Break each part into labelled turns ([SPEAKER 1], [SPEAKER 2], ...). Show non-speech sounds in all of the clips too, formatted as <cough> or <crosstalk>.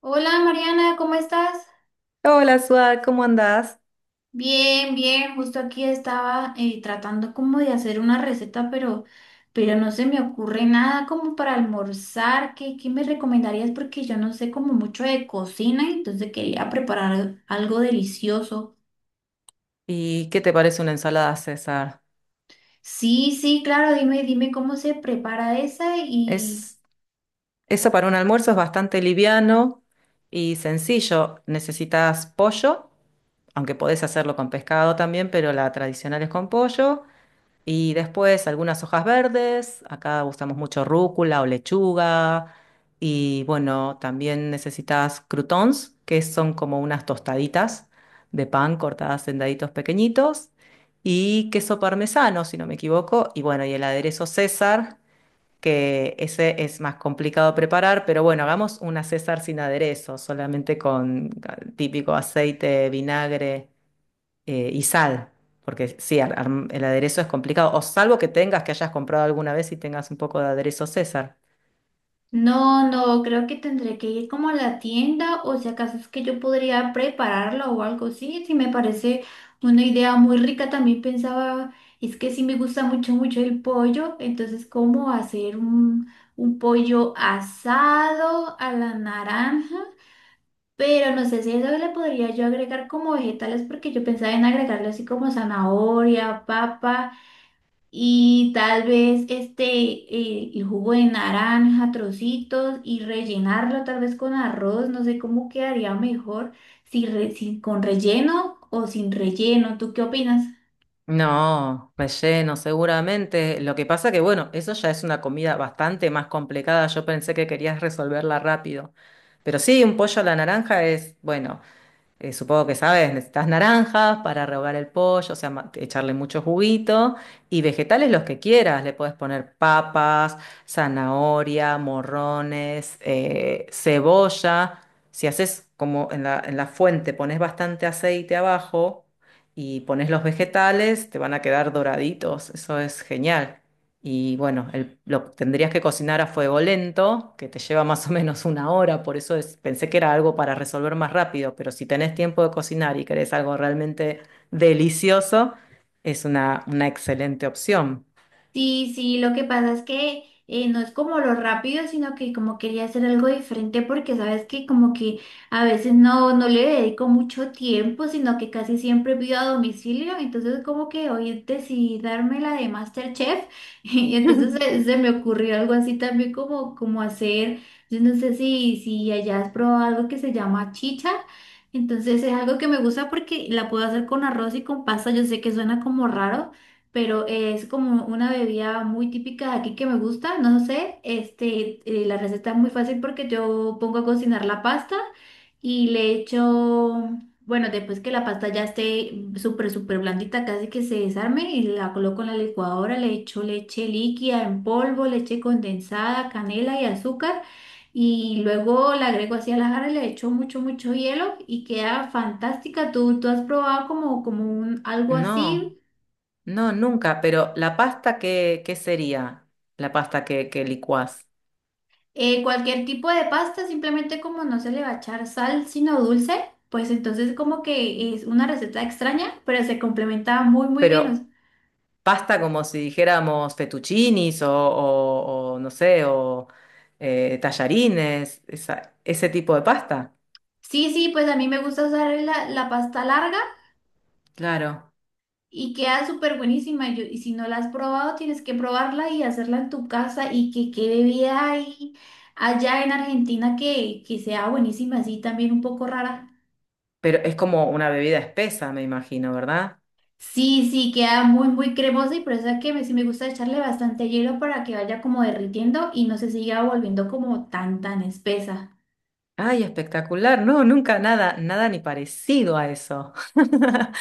[SPEAKER 1] Hola, Mariana, ¿cómo estás?
[SPEAKER 2] Hola, Suad, ¿cómo andás?
[SPEAKER 1] Bien, bien, justo aquí estaba tratando como de hacer una receta, pero no se me ocurre nada como para almorzar. ¿Qué me recomendarías? Porque yo no sé como mucho de cocina, entonces quería preparar algo delicioso.
[SPEAKER 2] ¿Y qué te parece una ensalada César?
[SPEAKER 1] Sí, sí, claro, dime cómo se prepara esa y,
[SPEAKER 2] Es, eso para un almuerzo es bastante liviano y sencillo. Necesitas pollo, aunque podés hacerlo con pescado también, pero la tradicional es con pollo. Y después algunas hojas verdes, acá usamos mucho rúcula o lechuga. Y bueno, también necesitas croutons, que son como unas tostaditas de pan cortadas en daditos pequeñitos. Y queso parmesano, si no me equivoco. Y bueno, y el aderezo César, que ese es más complicado preparar, pero bueno, hagamos una César sin aderezo, solamente con típico aceite, vinagre y sal, porque sí, el aderezo es complicado, o salvo que tengas, que hayas comprado alguna vez y tengas un poco de aderezo César.
[SPEAKER 1] no, no, creo que tendré que ir como a la tienda o si acaso es que yo podría prepararlo o algo así, si me parece una idea muy rica. También pensaba, es que sí me gusta mucho, mucho el pollo, entonces cómo hacer un pollo asado a la naranja, pero no sé si eso le podría yo agregar como vegetales porque yo pensaba en agregarle así como zanahoria, papa. Y tal vez este, el jugo de naranja, trocitos y rellenarlo tal vez con arroz, no sé cómo quedaría mejor, si, si con relleno o sin relleno. ¿Tú qué opinas?
[SPEAKER 2] No, relleno seguramente. Lo que pasa que, bueno, eso ya es una comida bastante más complicada. Yo pensé que querías resolverla rápido. Pero sí, un pollo a la naranja es, bueno. Supongo que sabes, necesitas naranjas para rehogar el pollo, o sea, echarle mucho juguito y vegetales los que quieras. Le puedes poner papas, zanahoria, morrones, cebolla. Si haces como en la fuente, pones bastante aceite abajo y pones los vegetales, te van a quedar doraditos. Eso es genial. Y bueno, lo tendrías que cocinar a fuego lento, que te lleva más o menos una hora, por eso pensé que era algo para resolver más rápido, pero si tenés tiempo de cocinar y querés algo realmente delicioso, es una excelente opción.
[SPEAKER 1] Sí, sí, lo que pasa es que no es como lo rápido, sino que como quería hacer algo diferente porque sabes que como que a veces no, no le dedico mucho tiempo, sino que casi siempre pido a domicilio, entonces como que hoy decidí darme la de MasterChef <laughs> y entonces se me ocurrió algo así también como, como hacer, yo no sé si allá has probado algo que se llama chicha. Entonces es algo que me gusta porque la puedo hacer con arroz y con pasta. Yo sé que suena como raro, pero es como una bebida muy típica de aquí que me gusta, no sé, este, la receta es muy fácil porque yo pongo a cocinar la pasta y le echo, bueno, después que la pasta ya esté súper, súper blandita, casi que se desarme y la coloco en la licuadora, le echo leche líquida en polvo, leche condensada, canela y azúcar. Y luego la agrego así a la jarra y le echo mucho, mucho hielo y queda fantástica. ¿Tú, tú has probado como, como un, algo
[SPEAKER 2] No,
[SPEAKER 1] así?
[SPEAKER 2] no, nunca, pero la pasta, ¿qué, qué sería? La pasta que licuás.
[SPEAKER 1] Cualquier tipo de pasta, simplemente como no se le va a echar sal, sino dulce, pues entonces como que es una receta extraña, pero se complementa muy, muy bien. O sea,
[SPEAKER 2] Pero pasta como si dijéramos fettuccinis o no sé, o tallarines, ese tipo de pasta.
[SPEAKER 1] sí, sí, pues a mí me gusta usar la pasta larga
[SPEAKER 2] Claro,
[SPEAKER 1] y queda súper buenísima. Y, y si no la has probado, tienes que probarla y hacerla en tu casa y que quede vida ahí allá en Argentina que sea buenísima, así también un poco rara.
[SPEAKER 2] pero es como una bebida espesa, me imagino, ¿verdad?
[SPEAKER 1] Sí, sí, queda muy, muy cremosa y por eso es que me, sí me gusta echarle bastante hielo para que vaya como derritiendo y no se siga volviendo como tan, tan espesa.
[SPEAKER 2] Ay, espectacular. No, nunca nada, nada ni parecido a eso. <laughs>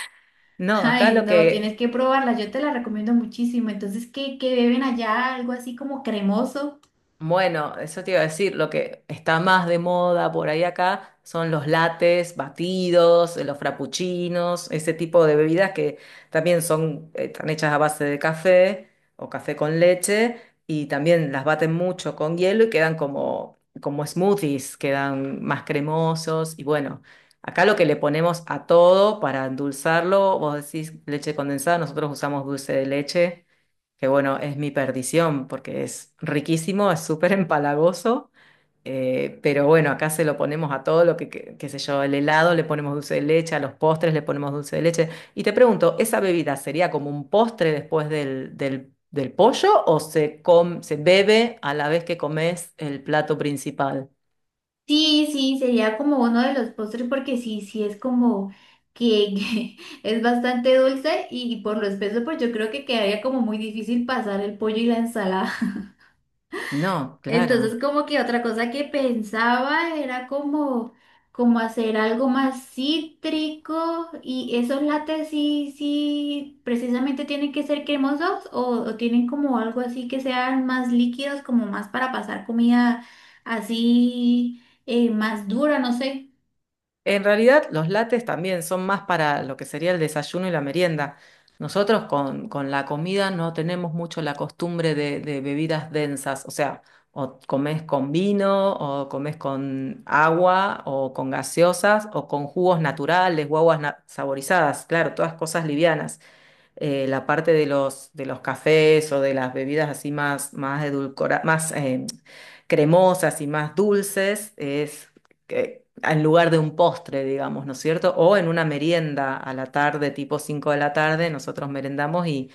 [SPEAKER 1] <laughs>
[SPEAKER 2] No, acá
[SPEAKER 1] Ay,
[SPEAKER 2] lo
[SPEAKER 1] no, tienes
[SPEAKER 2] que
[SPEAKER 1] que probarla, yo te la recomiendo muchísimo. Entonces, ¿qué beben allá? Algo así como cremoso.
[SPEAKER 2] bueno, eso te iba a decir, lo que está más de moda por ahí acá son los lates, batidos, los frappuccinos, ese tipo de bebidas que también son, están hechas a base de café o café con leche y también las baten mucho con hielo y quedan como, como smoothies, quedan más cremosos y bueno, acá lo que le ponemos a todo para endulzarlo, vos decís leche condensada, nosotros usamos dulce de leche que bueno, es mi perdición porque es riquísimo, es súper empalagoso, pero bueno, acá se lo ponemos a todo lo que, qué sé yo, el helado le ponemos dulce de leche, a los postres le ponemos dulce de leche. Y te pregunto, ¿esa bebida sería como un postre después del, del, del pollo o se, se bebe a la vez que comes el plato principal?
[SPEAKER 1] Sí, sí, sería como uno de los postres porque sí, sí es como que <laughs> es bastante dulce y por lo espeso, pues yo creo que quedaría como muy difícil pasar el pollo y la ensalada.
[SPEAKER 2] No, claro.
[SPEAKER 1] Entonces, como que otra cosa que pensaba era como, como hacer algo más cítrico y esos lates sí, sí, precisamente tienen que ser cremosos o tienen como algo así que sean más líquidos, como más para pasar comida así más dura, no sé.
[SPEAKER 2] En realidad, los lates también son más para lo que sería el desayuno y la merienda. Nosotros con la comida no tenemos mucho la costumbre de bebidas densas, o sea, o comes con vino, o comes con agua, o con gaseosas, o con jugos naturales o aguas saborizadas, claro, todas cosas livianas la parte de los cafés o de las bebidas así más, más más cremosas y más dulces, es en lugar de un postre, digamos, ¿no es cierto? O en una merienda a la tarde, tipo 5 de la tarde, nosotros merendamos y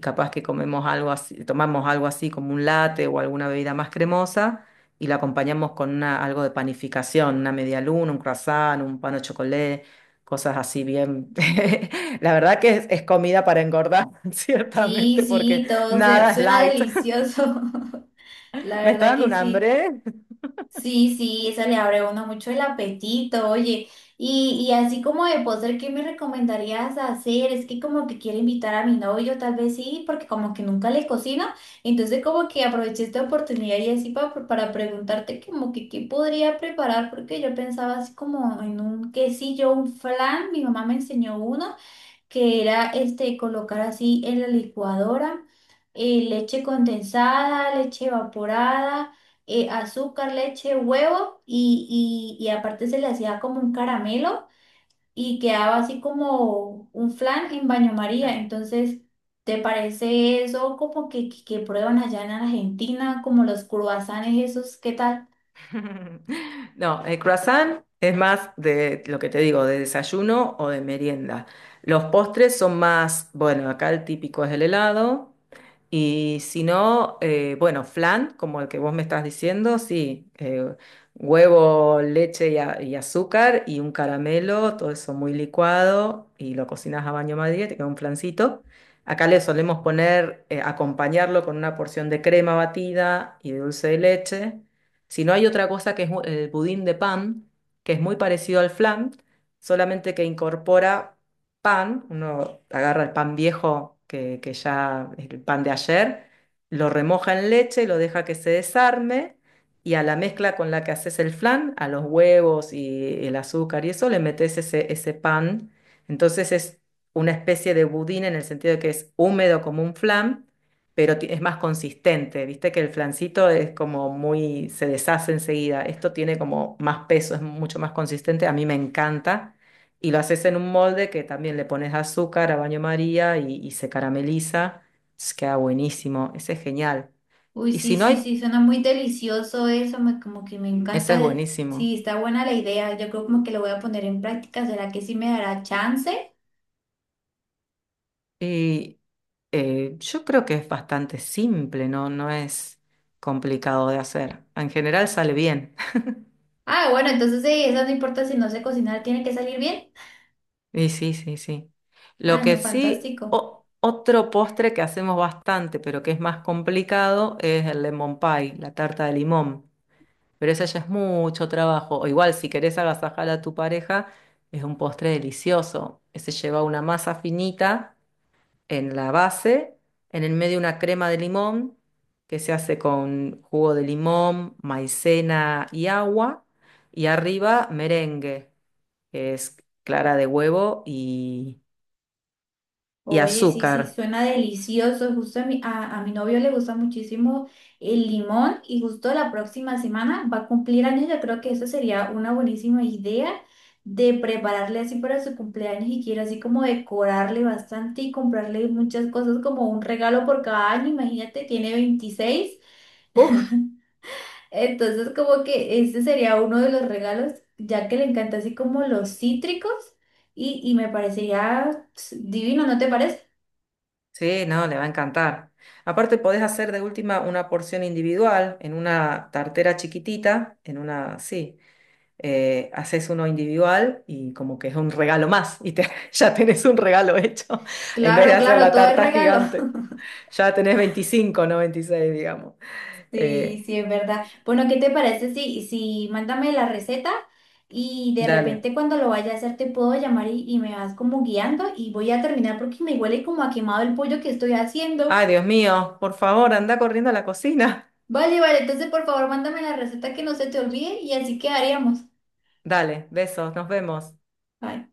[SPEAKER 2] capaz que comemos algo así, tomamos algo así como un latte o alguna bebida más cremosa y la acompañamos con una, algo de panificación, una media luna, un croissant, un pan au chocolate, cosas así bien. <laughs> La verdad que es comida para engordar, <laughs> ciertamente,
[SPEAKER 1] Sí,
[SPEAKER 2] porque
[SPEAKER 1] sí, todo
[SPEAKER 2] nada es
[SPEAKER 1] suena
[SPEAKER 2] light.
[SPEAKER 1] delicioso. <laughs> La
[SPEAKER 2] <laughs> Me está
[SPEAKER 1] verdad
[SPEAKER 2] dando
[SPEAKER 1] que
[SPEAKER 2] un
[SPEAKER 1] sí.
[SPEAKER 2] hambre.
[SPEAKER 1] Sí, sí, eso le abre a uno mucho el apetito, oye. Y así como de postre, ¿qué me recomendarías hacer? Es que como que quiero invitar a mi novio, tal vez sí, porque como que nunca le cocino. Entonces como que aproveché esta oportunidad y así para preguntarte como que qué podría preparar, porque yo pensaba así como en un quesillo, un flan, mi mamá me enseñó uno que era este, colocar así en la licuadora leche condensada, leche evaporada, azúcar, leche, huevo y aparte se le hacía como un caramelo y quedaba así como un flan en baño María.
[SPEAKER 2] Claro.
[SPEAKER 1] Entonces, ¿te parece eso como que, que prueban allá en Argentina, como los cruasanes esos? ¿Qué tal?
[SPEAKER 2] <laughs> No, el croissant es más de lo que te digo, de desayuno o de merienda. Los postres son más, bueno, acá el típico es el helado. Y si no, bueno, flan, como el que vos me estás diciendo, sí, huevo, leche y, y azúcar y un caramelo, todo eso muy licuado y lo cocinas a baño María, te queda un flancito. Acá le solemos poner, acompañarlo con una porción de crema batida y de dulce de leche. Si no hay otra cosa que es el budín de pan, que es muy parecido al flan, solamente que incorpora pan, uno agarra el pan viejo que ya es el pan de ayer, lo remoja en leche, lo deja que se desarme y a la mezcla con la que haces el flan, a los huevos y el azúcar y eso, le metes ese, ese pan. Entonces es una especie de budín en el sentido de que es húmedo como un flan pero es más consistente. Viste que el flancito es como muy, se deshace enseguida. Esto tiene como más peso, es mucho más consistente. A mí me encanta. Y lo haces en un molde que también le pones azúcar a baño María y se carameliza. Entonces queda buenísimo. Ese es genial.
[SPEAKER 1] Uy,
[SPEAKER 2] Y
[SPEAKER 1] sí,
[SPEAKER 2] si no
[SPEAKER 1] sí,
[SPEAKER 2] hay,
[SPEAKER 1] sí, suena muy delicioso eso, me, como que me
[SPEAKER 2] ese es
[SPEAKER 1] encanta. Sí,
[SPEAKER 2] buenísimo.
[SPEAKER 1] está buena la idea. Yo creo como que lo voy a poner en práctica. ¿Será que sí me dará chance?
[SPEAKER 2] Y yo creo que es bastante simple, ¿no? No es complicado de hacer. En general sale bien.
[SPEAKER 1] Ah, bueno, entonces sí, eso no importa si no sé cocinar, tiene que salir bien.
[SPEAKER 2] Y sí, sí, sí. Lo
[SPEAKER 1] Ah,
[SPEAKER 2] que
[SPEAKER 1] no,
[SPEAKER 2] sí,
[SPEAKER 1] fantástico.
[SPEAKER 2] otro postre que hacemos bastante, pero que es más complicado, es el lemon pie, la tarta de limón. Pero esa ya es mucho trabajo. O igual, si querés agasajar a tu pareja, es un postre delicioso. Ese lleva una masa finita en la base, en el medio una crema de limón, que se hace con jugo de limón, maicena y agua. Y arriba merengue, que es clara de huevo y
[SPEAKER 1] Oye, sí, sí,
[SPEAKER 2] azúcar.
[SPEAKER 1] suena delicioso. Justo a mi, a mi novio le gusta muchísimo el limón y justo la próxima semana va a cumplir años. Yo creo que eso sería una buenísima idea de prepararle así para su cumpleaños y quiero así como decorarle bastante y comprarle muchas cosas como un regalo por cada año. Imagínate, tiene 26.
[SPEAKER 2] Uf,
[SPEAKER 1] Entonces como que ese sería uno de los regalos, ya que le encanta así como los cítricos y me parecería pss, divino, ¿no te parece?
[SPEAKER 2] sí, no, le va a encantar. Aparte, podés hacer de última una porción individual en una tartera chiquitita, en una, sí, haces uno individual y como que es un regalo más y <laughs> ya tenés un regalo hecho <laughs> en vez de
[SPEAKER 1] Claro,
[SPEAKER 2] hacer
[SPEAKER 1] claro,
[SPEAKER 2] la
[SPEAKER 1] todo es
[SPEAKER 2] tarta
[SPEAKER 1] regalo.
[SPEAKER 2] gigante.
[SPEAKER 1] <laughs>
[SPEAKER 2] Ya tenés 25 no 26 digamos.
[SPEAKER 1] Sí,
[SPEAKER 2] Eh,
[SPEAKER 1] sí, es verdad. Bueno, ¿qué te parece si mándame la receta y de
[SPEAKER 2] Dale.
[SPEAKER 1] repente cuando lo vaya a hacer te puedo llamar y me vas como guiando y voy a terminar porque me huele como a quemado el pollo que estoy haciendo.
[SPEAKER 2] Ay, Dios mío, por favor, anda corriendo a la cocina. <laughs>
[SPEAKER 1] Vale, vale, entonces por favor mándame la receta que no se te olvide y así quedaríamos.
[SPEAKER 2] Dale, besos, nos vemos.
[SPEAKER 1] Bye.